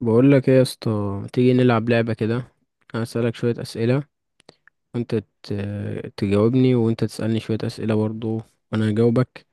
بقول لك ايه يا اسطى، ما تيجي نلعب لعبة كده. انا اسالك شوية اسئلة وانت تجاوبني، وانت تسالني شوية اسئلة برضو وانا هجاوبك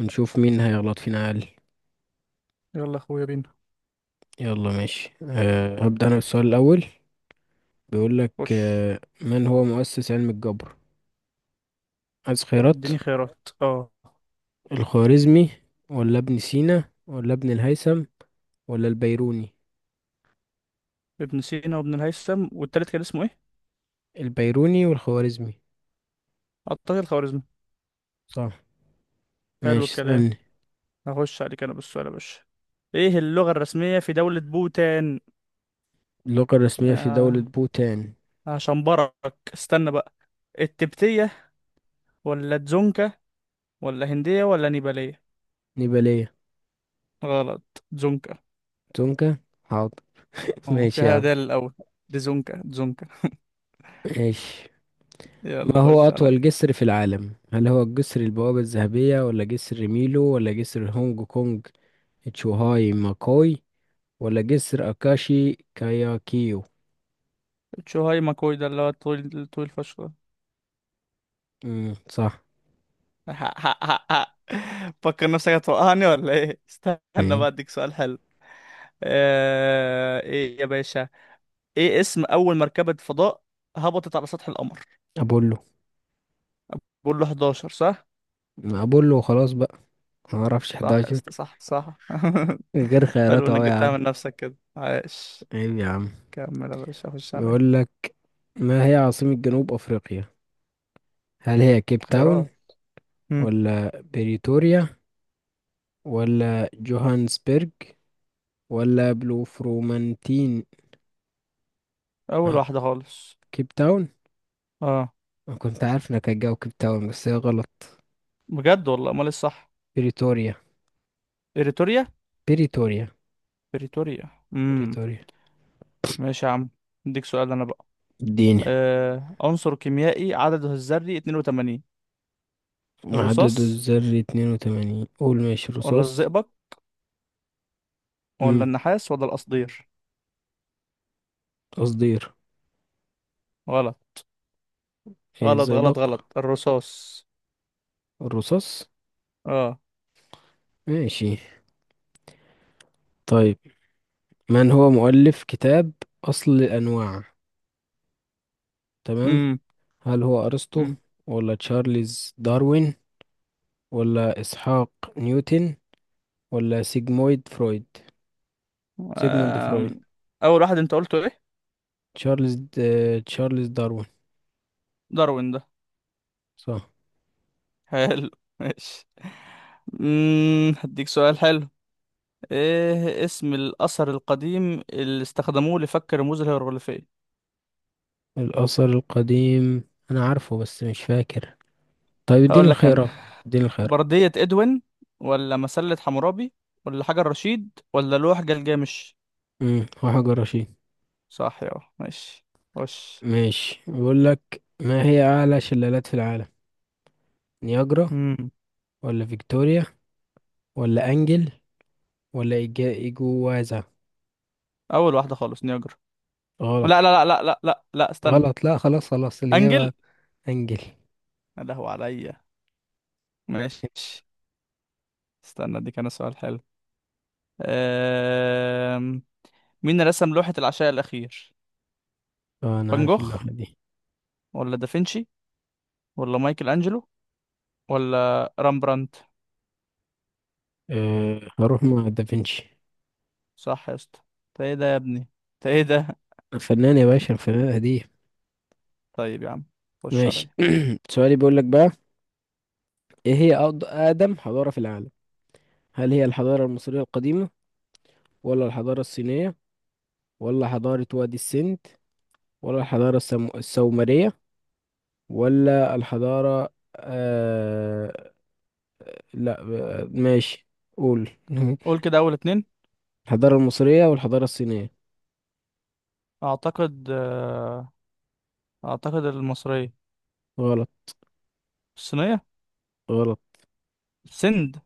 ونشوف مين هيغلط فينا اقل. يلا يا اخويا بينا. يلا ماشي، هبدأ انا بالسؤال الاول. بيقول لك خش، من هو مؤسس علم الجبر؟ عايز خيارات؟ اديني خيارات اه. الخوارزمي ولا ابن سينا ولا ابن الهيثم ولا البيروني؟ ابن سينا وابن الهيثم والتالت كان اسمه ايه؟ البيروني والخوارزمي. اعتقد الخوارزمي. صح. حلو ماشي، الكلام. اسالني. هخش عليك انا بالسؤال يا باشا. ايه اللغة الرسمية في دولة بوتان؟ اللغة الرسمية في دولة آه بوتان؟ هشنبرك. استنى بقى. التبتية، ولا تزونكا، ولا هندية، ولا نيبالية؟ نيبالية. غلط. تزونكا. تونكا. حاضر. اه، ماشي يا فيها عم. دال الاول. دزونكا، تزونكا. ماشي. يلا ما هو خش أطول عليا. جسر في العالم؟ هل هو الجسر البوابة الذهبية ولا جسر ميلو ولا جسر هونج كونج تشوهاي ماكوي ولا جسر أكاشي كاياكيو؟ تشوهاي ماكوي ده اللي هو الطويل الطويل فشخ. صح. حق حق حق حق. فكر نفسك هتوقعني ولا ايه؟ استنى ايه؟ بقى اديك سؤال حلو. ايه يا باشا. ايه اسم اول مركبة فضاء هبطت على سطح القمر؟ أبولو. بقول له 11 صح. أبولو خلاص بقى. ما أعرفش صح يا 11. اسطى، صح صح. غير حلو خيارات انك أهو يا جبتها عم. من نفسك كده، عاش. عيب يا عم. كمل يا باشا، خش عليا. يقول لك: ما هي عاصمة جنوب أفريقيا؟ هل هي كيب تاون خيرات. مم. ولا بريتوريا ولا جوهانسبرج ولا بلوفرومانتين؟ اول آه، واحدة خالص كيب تاون. اه. أنا كنت عارف انك هتجاوب كيب تاون، بس هي غلط. بجد والله؟ امال إيه الصح؟ بريتوريا. بريتوريا. بريتوريا. بريتوريا. امم. بريتوريا. ماشي يا عم. اديك سؤال انا بقى. اديني. عنصر كيميائي عدده الذري 82. عدد الرصاص، الذري 82. قول ماشي، ولا رصاص. الزئبق، ولا امم النحاس، ولا القصدير؟ قصدير. غلط اي، غلط غلط زئبق. غلط. الرصاص. الرصاص. اه. ماشي. طيب، من هو مؤلف كتاب أصل الأنواع؟ تمام. امم هل هو أرسطو امم ولا تشارلز داروين ولا إسحاق نيوتن ولا سيجمويد فرويد، سيجموند فرويد؟ آم، اول واحد انت قلته ايه؟ تشارلز د... تشارلز داروين. داروين ده. صح. حلو. ماشي. هديك سؤال حلو. ايه اسم الاثر القديم اللي استخدموه لفك الرموز الهيروغليفية؟ الأثر القديم. أنا عارفه بس مش فاكر. طيب اديني هقول لك انا. الخيارات. اديني الخيارات. بردية ادوين، ولا مسلة حمورابي، ولا حجر رشيد، ولا لوح جلجامش؟ وحجر رشيد. صح يا. ماشي. وش. ماشي. بيقول لك: ما هي أعلى شلالات في العالم؟ نياجرا امم ولا فيكتوريا ولا أنجل ولا إيجوازا؟ اول واحده خالص نياجرا. غلط. لا لا لا لا لا لا لا، استنى. غلط لا، خلاص خلاص، انجل. الإجابة أنجل. يا لهو عليا. ماشي. استنى دي كان سؤال حلو. أم... مين رسم لوحة العشاء الأخير؟ اه أنا فان عارف جوخ، اللوحة دي. ولا دافنشي، ولا مايكل أنجلو، ولا رامبرانت؟ أه هروح مع دافنشي. صح يا اسطى. انت ايه ده يا ابني؟ انت ايه ده؟ فنان يا باشا، الفنان قديم. طيب يا عم. خش ماشي عليا. سؤالي بيقول لك بقى: إيه هي أقدم حضارة في العالم؟ هل هي الحضارة المصرية القديمة ولا الحضارة الصينية ولا حضارة وادي السند ولا السومرية ولا الحضارة آه... لا آه، ماشي قول قول كده اول اتنين. الحضارة المصرية والحضارة الصينية. اعتقد آه، اعتقد المصرية. غلط. الصينية. غلط. السند.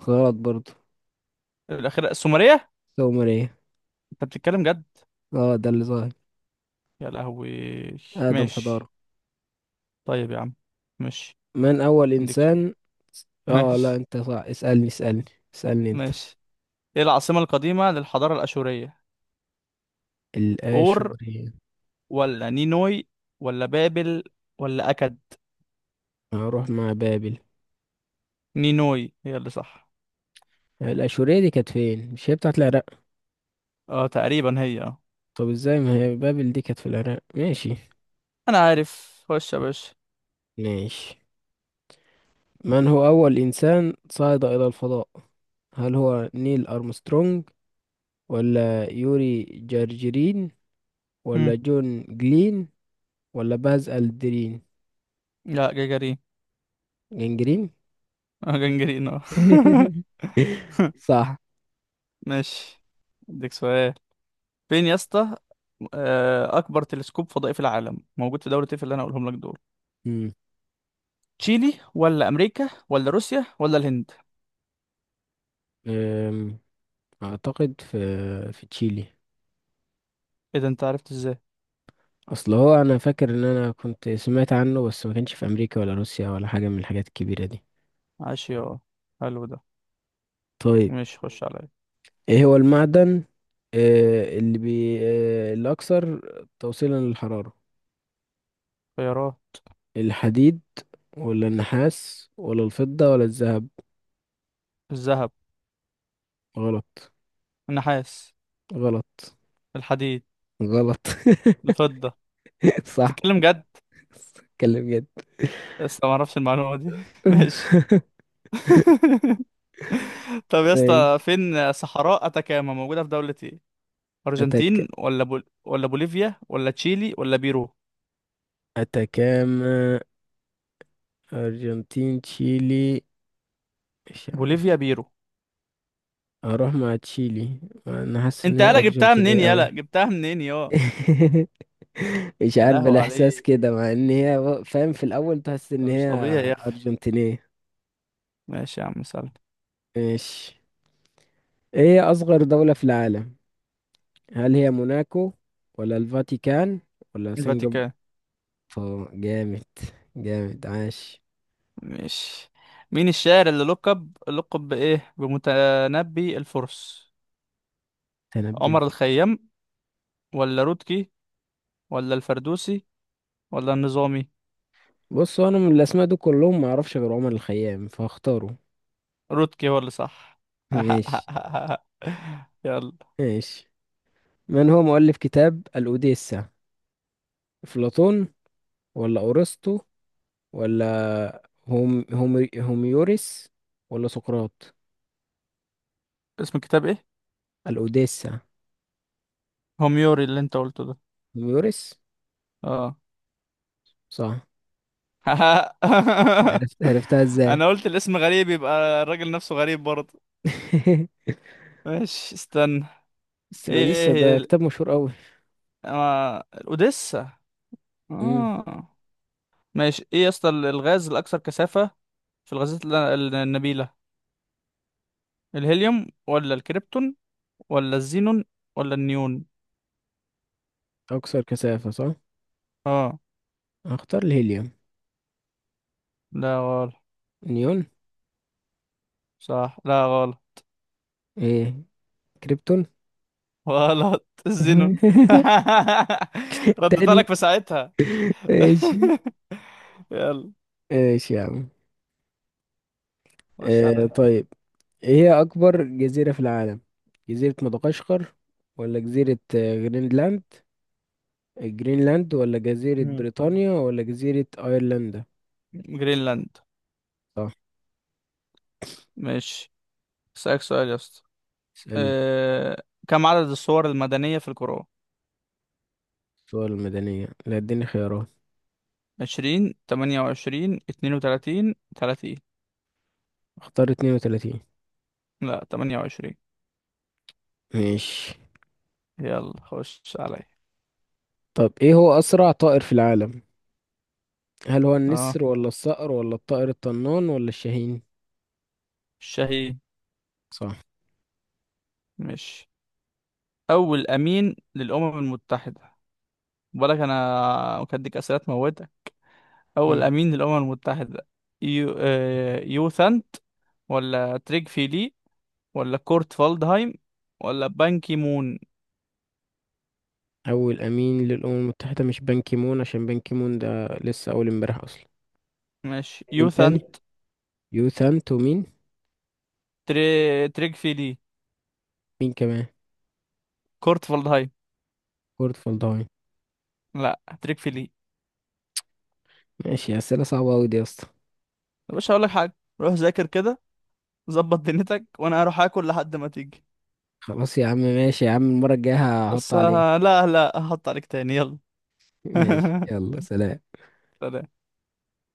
غلط برضو. الأخيرة السومرية. السومرية. انت بتتكلم جد؟ اه ده اللي ظاهر. يا لهوي. أقدم حضارة. ماشي. طيب يا عم. ماشي. من أول اديك سؤال. إنسان. اه لا ماشي. انت صح، اسألني اسألني اسألني انت. ماشي. ايه العاصمة القديمة للحضارة الأشورية؟ اور، الآشورية. ولا نينوي، ولا بابل، ولا أكد؟ هروح مع بابل. نينوي هي اللي صح. الآشورية دي كانت فين، مش هي بتاعت العراق؟ اه تقريبا هي اه. طب ازاي، ما هي بابل دي كانت في العراق. ماشي. انا عارف. خش يا باشا. ماشي، من هو أول إنسان صعد إلى الفضاء؟ هل هو نيل أرمسترونج ولا يوري جارجرين ولا مم. جون جلين ولا باز ألدرين؟ لا، جاجارين. جنجرين. اه جنجرين اه. صح. ماشي. اديك سؤال. فين يا اسطى؟ اكبر تلسكوب فضائي في العالم موجود في دولة ايه في اللي انا هقولهم لك دول؟ مم. تشيلي، ولا امريكا، ولا روسيا، ولا الهند؟ أم، أعتقد في، في تشيلي. ايه ده انت عرفت ازاي؟ أصل هو أنا فاكر إن أنا كنت سمعت عنه، بس ما كانش في أمريكا ولا روسيا ولا حاجة من الحاجات الكبيرة دي. عاش يا. حلو ده. طيب، ماشي خش عليا. ايه هو المعدن آه، اللي بي آه، الأكثر توصيلا للحرارة؟ خيارات. الحديد ولا النحاس ولا الفضة ولا الذهب؟ الذهب. غلط. النحاس. غلط. الحديد. غلط. الفضة. صح. تتكلم جد؟ اتكلم جد. لسه ما اعرفش المعلومة دي. ماشي. طب يا اسطى، ماشي. فين صحراء اتاكاما موجودة في دولة ايه؟ أتك ارجنتين، ولا بوليفيا، ولا تشيلي، ولا بيرو؟ أتكاما. أرجنتين، تشيلي، مش عارف. بوليفيا بيرو. هروح مع تشيلي. أنا حاسس إن انت هي يالا جبتها منين؟ أرجنتينية أوي. يالا جبتها منين يا. مش يا عارف، لهوي الاحساس عليك. كده مع ان هي فاهم؟ في الاول تحس ده ان مش هي طبيعي يا اخي. ارجنتينية. ماشي يا عم، سلام. ماشي، ايه اصغر دولة في العالم؟ هل هي موناكو ولا الفاتيكان ولا سنغافورة؟ الفاتيكان. جامد. جامد، عاش. مش. مين الشاعر اللي لقب بإيه بمتنبي الفرس؟ تنبي عمر الف الخيام، ولا رودكي، ولا الفردوسي، ولا النظامي؟ بص، هو انا من الاسماء دول كلهم ما اعرفش غير عمر الخيام، فاختاره. رودكي هو اللي صح. ماشي. يلا. ماشي، من هو مؤلف كتاب الاوديسة؟ افلاطون ولا ارسطو ولا هوميوريس ولا سقراط؟ اسم الكتاب ايه؟ الأوديسا. هوميوري اللي انت قلته ده. ميوريس. اه. صح. عرفت، عرفتها ازاي؟ انا قلت الاسم غريب يبقى الراجل نفسه غريب برضه. ماشي استنى. بس الأوديسا ايه ده كتاب مشهور قوي. الاوديسا. امم اه. ماشي. ايه يا اسطى، الغاز الاكثر كثافة في الغازات النبيلة. الهيليوم، ولا الكريبتون، ولا الزينون، ولا النيون؟ أكثر كثافة، صح. اه هختار الهيليوم. لا غلط. نيون. صح. لا غلط. ايه؟ كريبتون. غلط. الزينون. ردت تاني. لك في ساعتها. ماشي. يلا ماشي يا عم. خش عليا. طيب، ايه هي أكبر جزيرة في العالم؟ جزيرة مدغشقر ولا جزيرة جرينلاند، جرينلاند ولا جزيرة مم. بريطانيا ولا جزيرة أيرلندا؟ جرينلاند. صح. ماشي. اسألك سؤال يا اسطى. اسألني. كم عدد الصور المدنية في القرآن؟ الصور المدنية؟ لا، اديني خيارات. 20، 28، 32، 30. اختار 32. لا، 28. ماشي. يلا خش عليا. طب ايه هو اسرع طائر في العالم؟ هل هو اه النسر ولا الصقر ولا الطائر الطنان ولا الشاهين؟ الشهي. صح. مش. اول امين للامم المتحده؟ بالك انا مكدك اسئله موتك. اول مم. امين للامم المتحده. يو ثانت، ولا تريج فيلي، ولا كورت فالدهايم، ولا بان كي مون؟ اول امين للامم المتحده مش بان كيمون، عشان بان كيمون ده لسه اول امبارح اصلا. ماشي مين يو تاني؟ ثانت. يو ثانت ومين، مين، تريج فيلي. مين كمان؟ كورت فالدهايم. كورت فالداين. لا، تريج فيلي. ماشي، اسئله صعبه قوي دي يا اسطى. يا باشا هقول لك حاجه. روح ذاكر كده. ظبط دنيتك وانا هروح اكل لحد ما تيجي. خلاص يا عم، ماشي يا عم، المره الجايه هحط بس عليك. لا لا هحط عليك تاني. يلا. ماشي، يلا سلام. سلام.